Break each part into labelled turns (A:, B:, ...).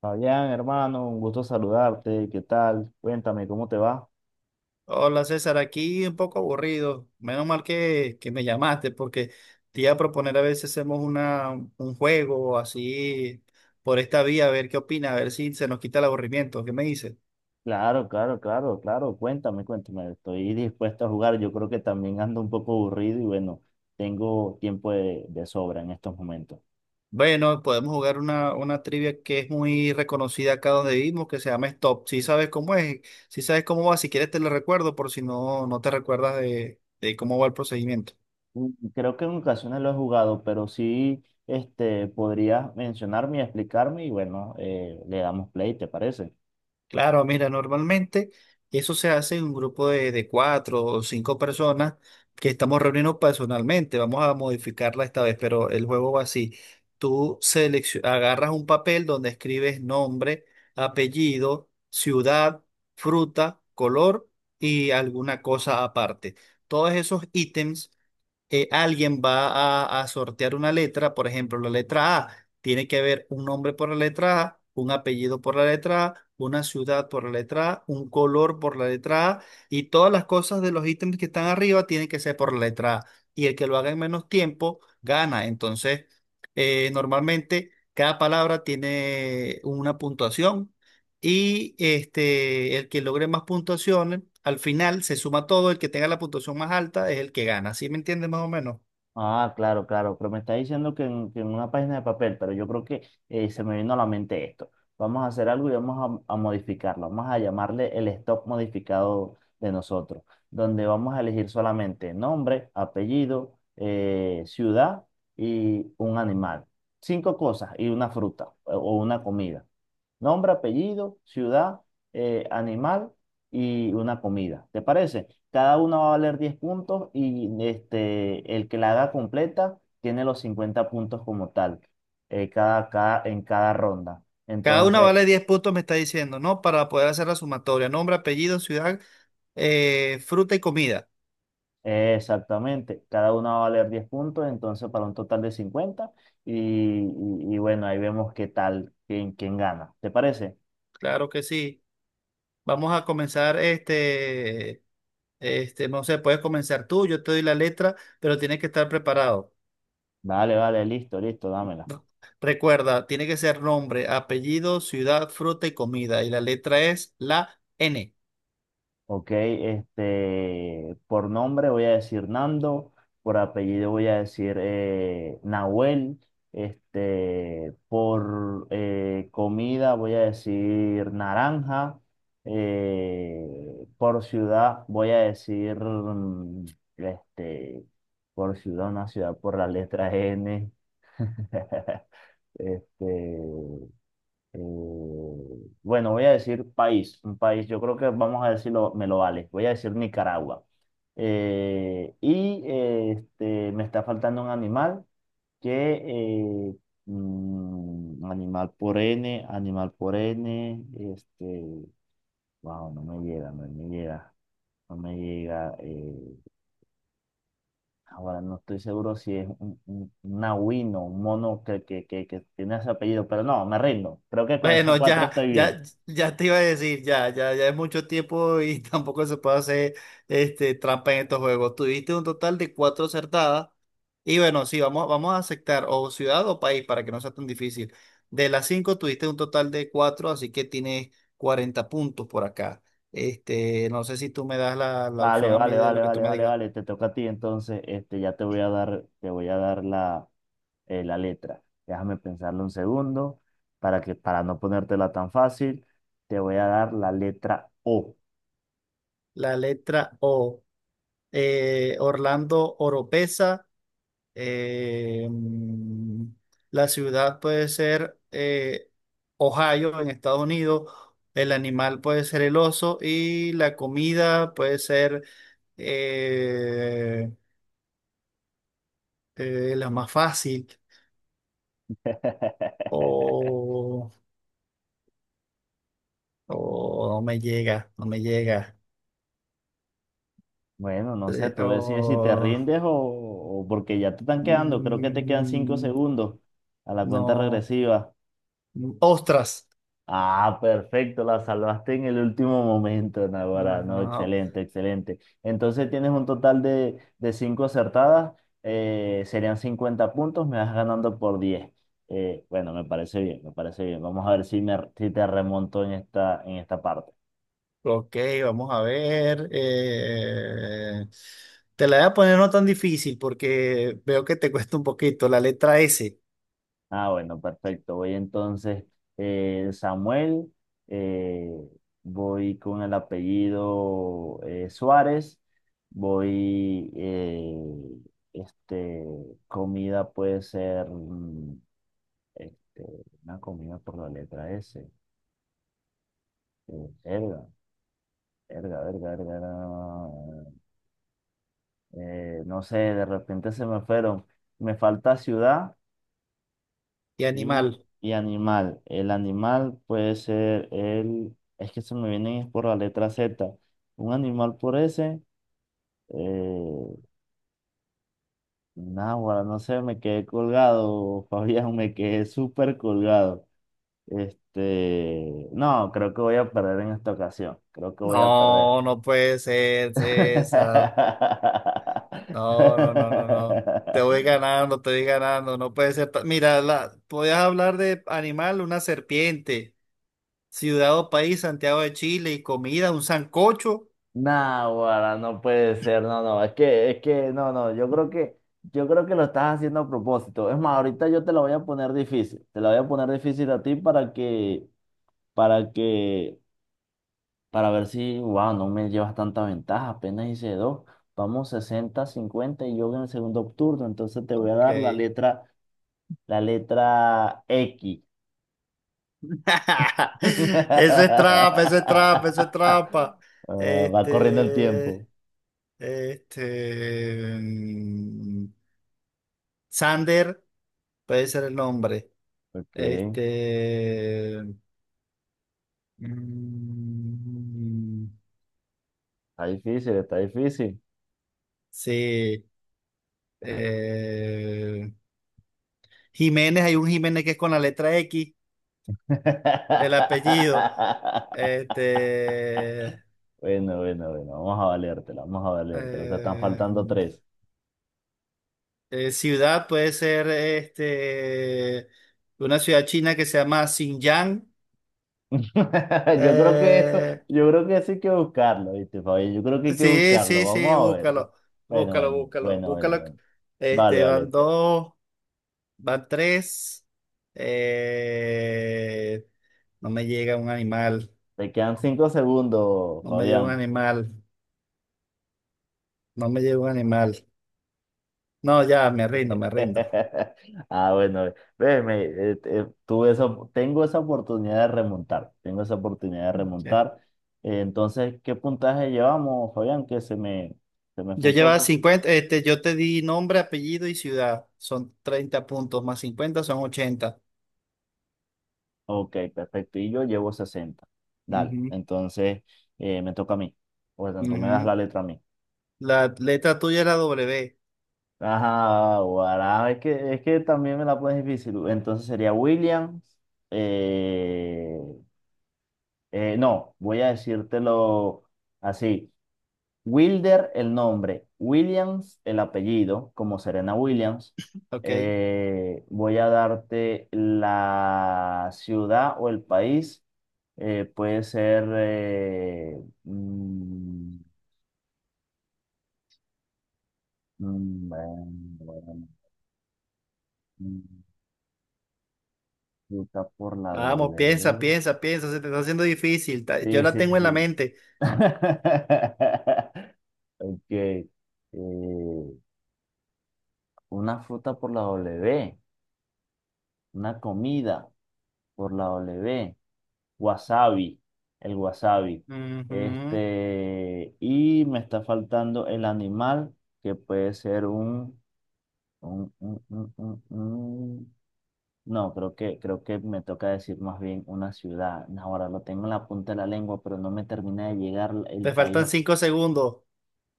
A: Fabián, hermano, un gusto saludarte. ¿Qué tal? Cuéntame, ¿cómo te va?
B: Hola César, aquí un poco aburrido. Menos mal que me llamaste porque te iba a proponer a ver si hacemos un juego así por esta vía, a ver qué opina, a ver si se nos quita el aburrimiento. ¿Qué me dices?
A: Claro, claro, claro, claro. Cuéntame, cuéntame. Estoy dispuesto a jugar. Yo creo que también ando un poco aburrido y bueno, tengo tiempo de sobra en estos momentos.
B: Bueno, podemos jugar una trivia que es muy reconocida acá donde vivimos, que se llama Stop. Si sabes cómo es, si sabes cómo va, si quieres te lo recuerdo por si no te recuerdas de cómo va el procedimiento.
A: Mm. Creo que en ocasiones lo he jugado, pero sí, podrías mencionarme y explicarme y bueno, le damos play, ¿te parece?
B: Claro, mira, normalmente eso se hace en un grupo de cuatro o cinco personas que estamos reuniendo personalmente. Vamos a modificarla esta vez, pero el juego va así. Tú agarras un papel donde escribes nombre, apellido, ciudad, fruta, color y alguna cosa aparte. Todos esos ítems alguien va a sortear una letra, por ejemplo, la letra A, tiene que haber un nombre por la letra A, un apellido por la letra A, una ciudad por la letra A, un color por la letra A, y todas las cosas de los ítems que están arriba tienen que ser por la letra A. Y el que lo haga en menos tiempo gana. Entonces, normalmente cada palabra tiene una puntuación. Y este, el que logre más puntuaciones, al final se suma todo, el que tenga la puntuación más alta es el que gana. ¿Sí me entiendes más o menos?
A: Ah, claro, claro, pero me está diciendo que en una página de papel, pero yo creo que se me vino a la mente esto. Vamos a hacer algo y vamos a modificarlo. Vamos a llamarle el stock modificado de nosotros, donde vamos a elegir solamente nombre, apellido, ciudad y un animal. Cinco cosas y una fruta o una comida. Nombre, apellido, ciudad, animal y una comida. ¿Te parece? Cada uno va a valer 10 puntos y el que la haga completa tiene los 50 puntos como tal, en cada ronda.
B: Cada una
A: Entonces,
B: vale 10 puntos, me está diciendo, ¿no? Para poder hacer la sumatoria. Nombre, apellido, ciudad, fruta y comida.
A: exactamente, cada uno va a valer 10 puntos, entonces para un total de 50 y bueno, ahí vemos qué tal, quién gana. ¿Te parece?
B: Claro que sí. Vamos a comenzar no sé, puedes comenzar tú, yo te doy la letra, pero tienes que estar preparado.
A: Vale, vale, listo, listo, dámela.
B: No. Recuerda, tiene que ser nombre, apellido, ciudad, fruta y comida. Y la letra es la N.
A: Ok, por nombre voy a decir Nando, por apellido voy a decir Nahuel, por comida voy a decir Naranja, por ciudad voy a decir, este, por ciudad, una ciudad por la letra N. este, eh, bueno, voy a decir país, un país, yo creo que vamos a decirlo, me lo vale. Voy a decir Nicaragua. Y me está faltando un animal que, eh, animal por N, wow, no me llega, no me llega, no me llega. Ahora no estoy seguro si es un nahuino, un mono que tiene ese apellido, pero no, me rindo. Creo que con esas
B: Bueno,
A: cuatro
B: ya,
A: estoy
B: ya,
A: bien.
B: ya te iba a decir, ya, ya, ya es mucho tiempo y tampoco se puede hacer este, trampa en estos juegos. Tuviste un total de cuatro acertadas y bueno, sí, vamos, vamos a aceptar o ciudad o país para que no sea tan difícil. De las cinco tuviste un total de cuatro, así que tienes 40 puntos por acá. Este, no sé si tú me das la
A: Vale,
B: opción a mí
A: vale,
B: de lo
A: vale,
B: que tú
A: vale,
B: me
A: vale,
B: digas.
A: vale. Te toca a ti entonces. Te voy a dar la letra. Déjame pensarlo un segundo para no ponértela tan fácil, te voy a dar la letra O.
B: La letra O, Orlando Oropesa. Eh, mm, la ciudad puede ser Ohio en Estados Unidos, el animal puede ser el oso y la comida puede ser eh, la más fácil o, o no me llega, no me llega.
A: Bueno, no sé,
B: Eh,
A: tú decides si te
B: o,
A: rindes o porque ya te están quedando. Creo que te quedan cinco
B: mm,
A: segundos a la cuenta
B: no,
A: regresiva.
B: ostras.
A: Ah, perfecto, la salvaste en el último momento, Naguará. No,
B: Ajá,
A: excelente, excelente. Entonces tienes un total de cinco acertadas, serían 50 puntos, me vas ganando por 10. Bueno, me parece bien, me parece bien. Vamos a ver si te remonto en esta parte.
B: ok, vamos a ver. Te la voy a poner no tan difícil porque veo que te cuesta un poquito. La letra S
A: Ah, bueno, perfecto. Voy entonces, Samuel, eh, voy con el apellido Suárez, voy, este, comida puede ser, mm, este, una comida por la letra S. Verga, verga, verga, verga, verga. No sé, de repente se me fueron. Me falta ciudad
B: y
A: Y,
B: animal.
A: y animal. El animal puede ser. Es que se me vienen es por la letra Z. Un animal por ese. Eh, Náguara, no sé, me quedé colgado. Fabián, me quedé súper colgado. No, creo que voy a perder en esta ocasión. Creo que voy a perder.
B: No, no puede ser, César. No, no, no, no, no. Te voy ganando, te voy ganando. No puede ser. Mira, la, podías hablar de animal, una serpiente. Ciudad o país, Santiago de Chile y comida, un sancocho.
A: Nah, no puede ser, no, no, es que, no, no, yo creo que, yo creo que lo estás haciendo a propósito. Es más, ahorita yo te la voy a poner difícil, te la voy a poner difícil a ti para que, para ver si, wow, no me llevas tanta ventaja, apenas hice dos, vamos 60, 50 y yo en el segundo turno, entonces te voy a
B: Ok.
A: dar la letra X.
B: Eso es trampa, eso es trampa, eso es trampa.
A: Ah, va corriendo el
B: Este,
A: tiempo.
B: este, mm, Sander puede ser el nombre.
A: Ok, está
B: Este, mm,
A: difícil, está difícil.
B: sí. eh, Jiménez, hay un Jiménez que es con la letra X, el apellido. Este,
A: Bueno, bueno, bueno, vamos a valértela, vamos a valértela. Te están
B: eh,
A: faltando tres.
B: Ciudad puede ser este, una ciudad china que se llama Xinjiang.
A: Yo creo que eso,
B: Eh,
A: yo creo que eso hay que buscarlo, ¿viste, Fabi? Yo creo que hay que
B: sí,
A: buscarlo,
B: sí, sí,
A: vamos a ver, ¿no?
B: búscalo,
A: Bueno,
B: búscalo,
A: bueno,
B: búscalo,
A: bueno, bueno,
B: búscalo.
A: bueno. Vale,
B: Este,
A: vale.
B: van
A: Te
B: dos, van tres. Eh, no me llega un animal,
A: te quedan 5 segundos,
B: no me llega un
A: Fabián.
B: animal, no me llega un animal. No, ya, me rindo, me rindo.
A: Ah, bueno, ve, me, tuve esa, op- tengo esa oportunidad de remontar, tengo esa oportunidad de
B: Ok.
A: remontar. Entonces, ¿qué puntaje llevamos, Fabián? Que se me fue
B: Yo
A: un
B: llevaba
A: poco.
B: 50 este, yo te di nombre, apellido y ciudad. Son 30 puntos, más 50 son 80.
A: Ok, perfecto. Y yo llevo 60. Dale,
B: Ujú,
A: entonces me toca a mí. Por tanto, me das la
B: ujú.
A: letra a mí.
B: La letra tuya es la W,
A: Ajá, guará, es que también me la pones difícil. Entonces sería Williams. eh, no, voy a decírtelo así. Wilder el nombre, Williams el apellido, como Serena Williams.
B: ok.
A: Voy a darte la ciudad o el país. Puede ser... mm, bueno, bueno, mm, Utah por la
B: Vamos, piensa,
A: W.
B: piensa, piensa, se te está haciendo difícil. Yo
A: Sí,
B: la
A: sí,
B: tengo en la
A: sí.
B: mente.
A: Ok. Una fruta por la W. Una comida por la W. Wasabi, el wasabi.
B: Ujú.
A: Y me está faltando el animal, que puede ser un, un- un- un- un- No, creo que me toca decir más bien una ciudad. No, ahora lo tengo en la punta de la lengua, pero no me termina de llegar el
B: Te
A: país,
B: faltan 5 segundos.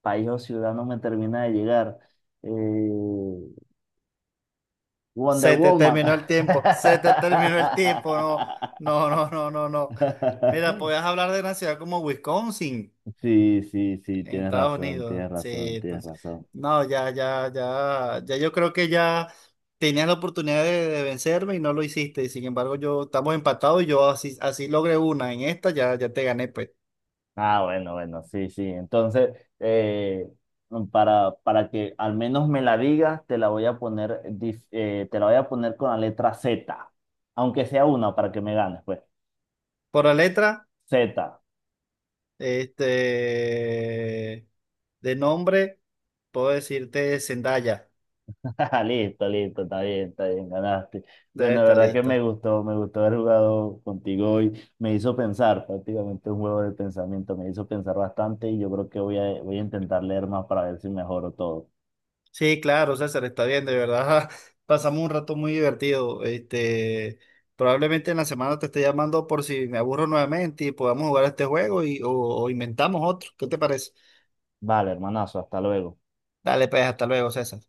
A: país o ciudad, no me termina de llegar. Eh, Wonder
B: Se te
A: Woman.
B: terminó el tiempo, se te terminó el tiempo, no, no, no, no, no, no. Mira, podías hablar de una ciudad como Wisconsin.
A: Sí, sí, sí,
B: En
A: tienes
B: Estados
A: razón,
B: Unidos,
A: tienes razón,
B: sí.
A: tienes
B: Entonces,
A: razón.
B: no, ya, ya, ya, ya yo creo que ya tenías la oportunidad de vencerme y no lo hiciste. Y sin embargo, yo estamos empatados y yo así, así logré una. En esta ya, ya te gané, pues.
A: Ah, bueno, bueno, sí, sí. Entonces, eh, para que al menos me la digas, te la voy a poner con la letra Z, aunque sea una para que me ganes, pues.
B: Por la letra,
A: Z.
B: este, de nombre, puedo decirte Zendaya.
A: Listo, listo, está bien, ganaste.
B: Debe
A: Bueno, de
B: estar
A: verdad que me
B: listo.
A: gustó, me gustó haber jugado contigo hoy. Me hizo pensar, prácticamente un juego de pensamiento, me hizo pensar bastante y yo creo que voy a intentar leer más para ver si mejoro todo.
B: Sí, claro, César, está bien, de verdad. Pasamos un rato muy divertido. Este, probablemente en la semana te esté llamando por si me aburro nuevamente y podamos jugar este juego y, o inventamos otro. ¿Qué te parece?
A: Vale, hermanazo, hasta luego.
B: Dale, pues, hasta luego, César.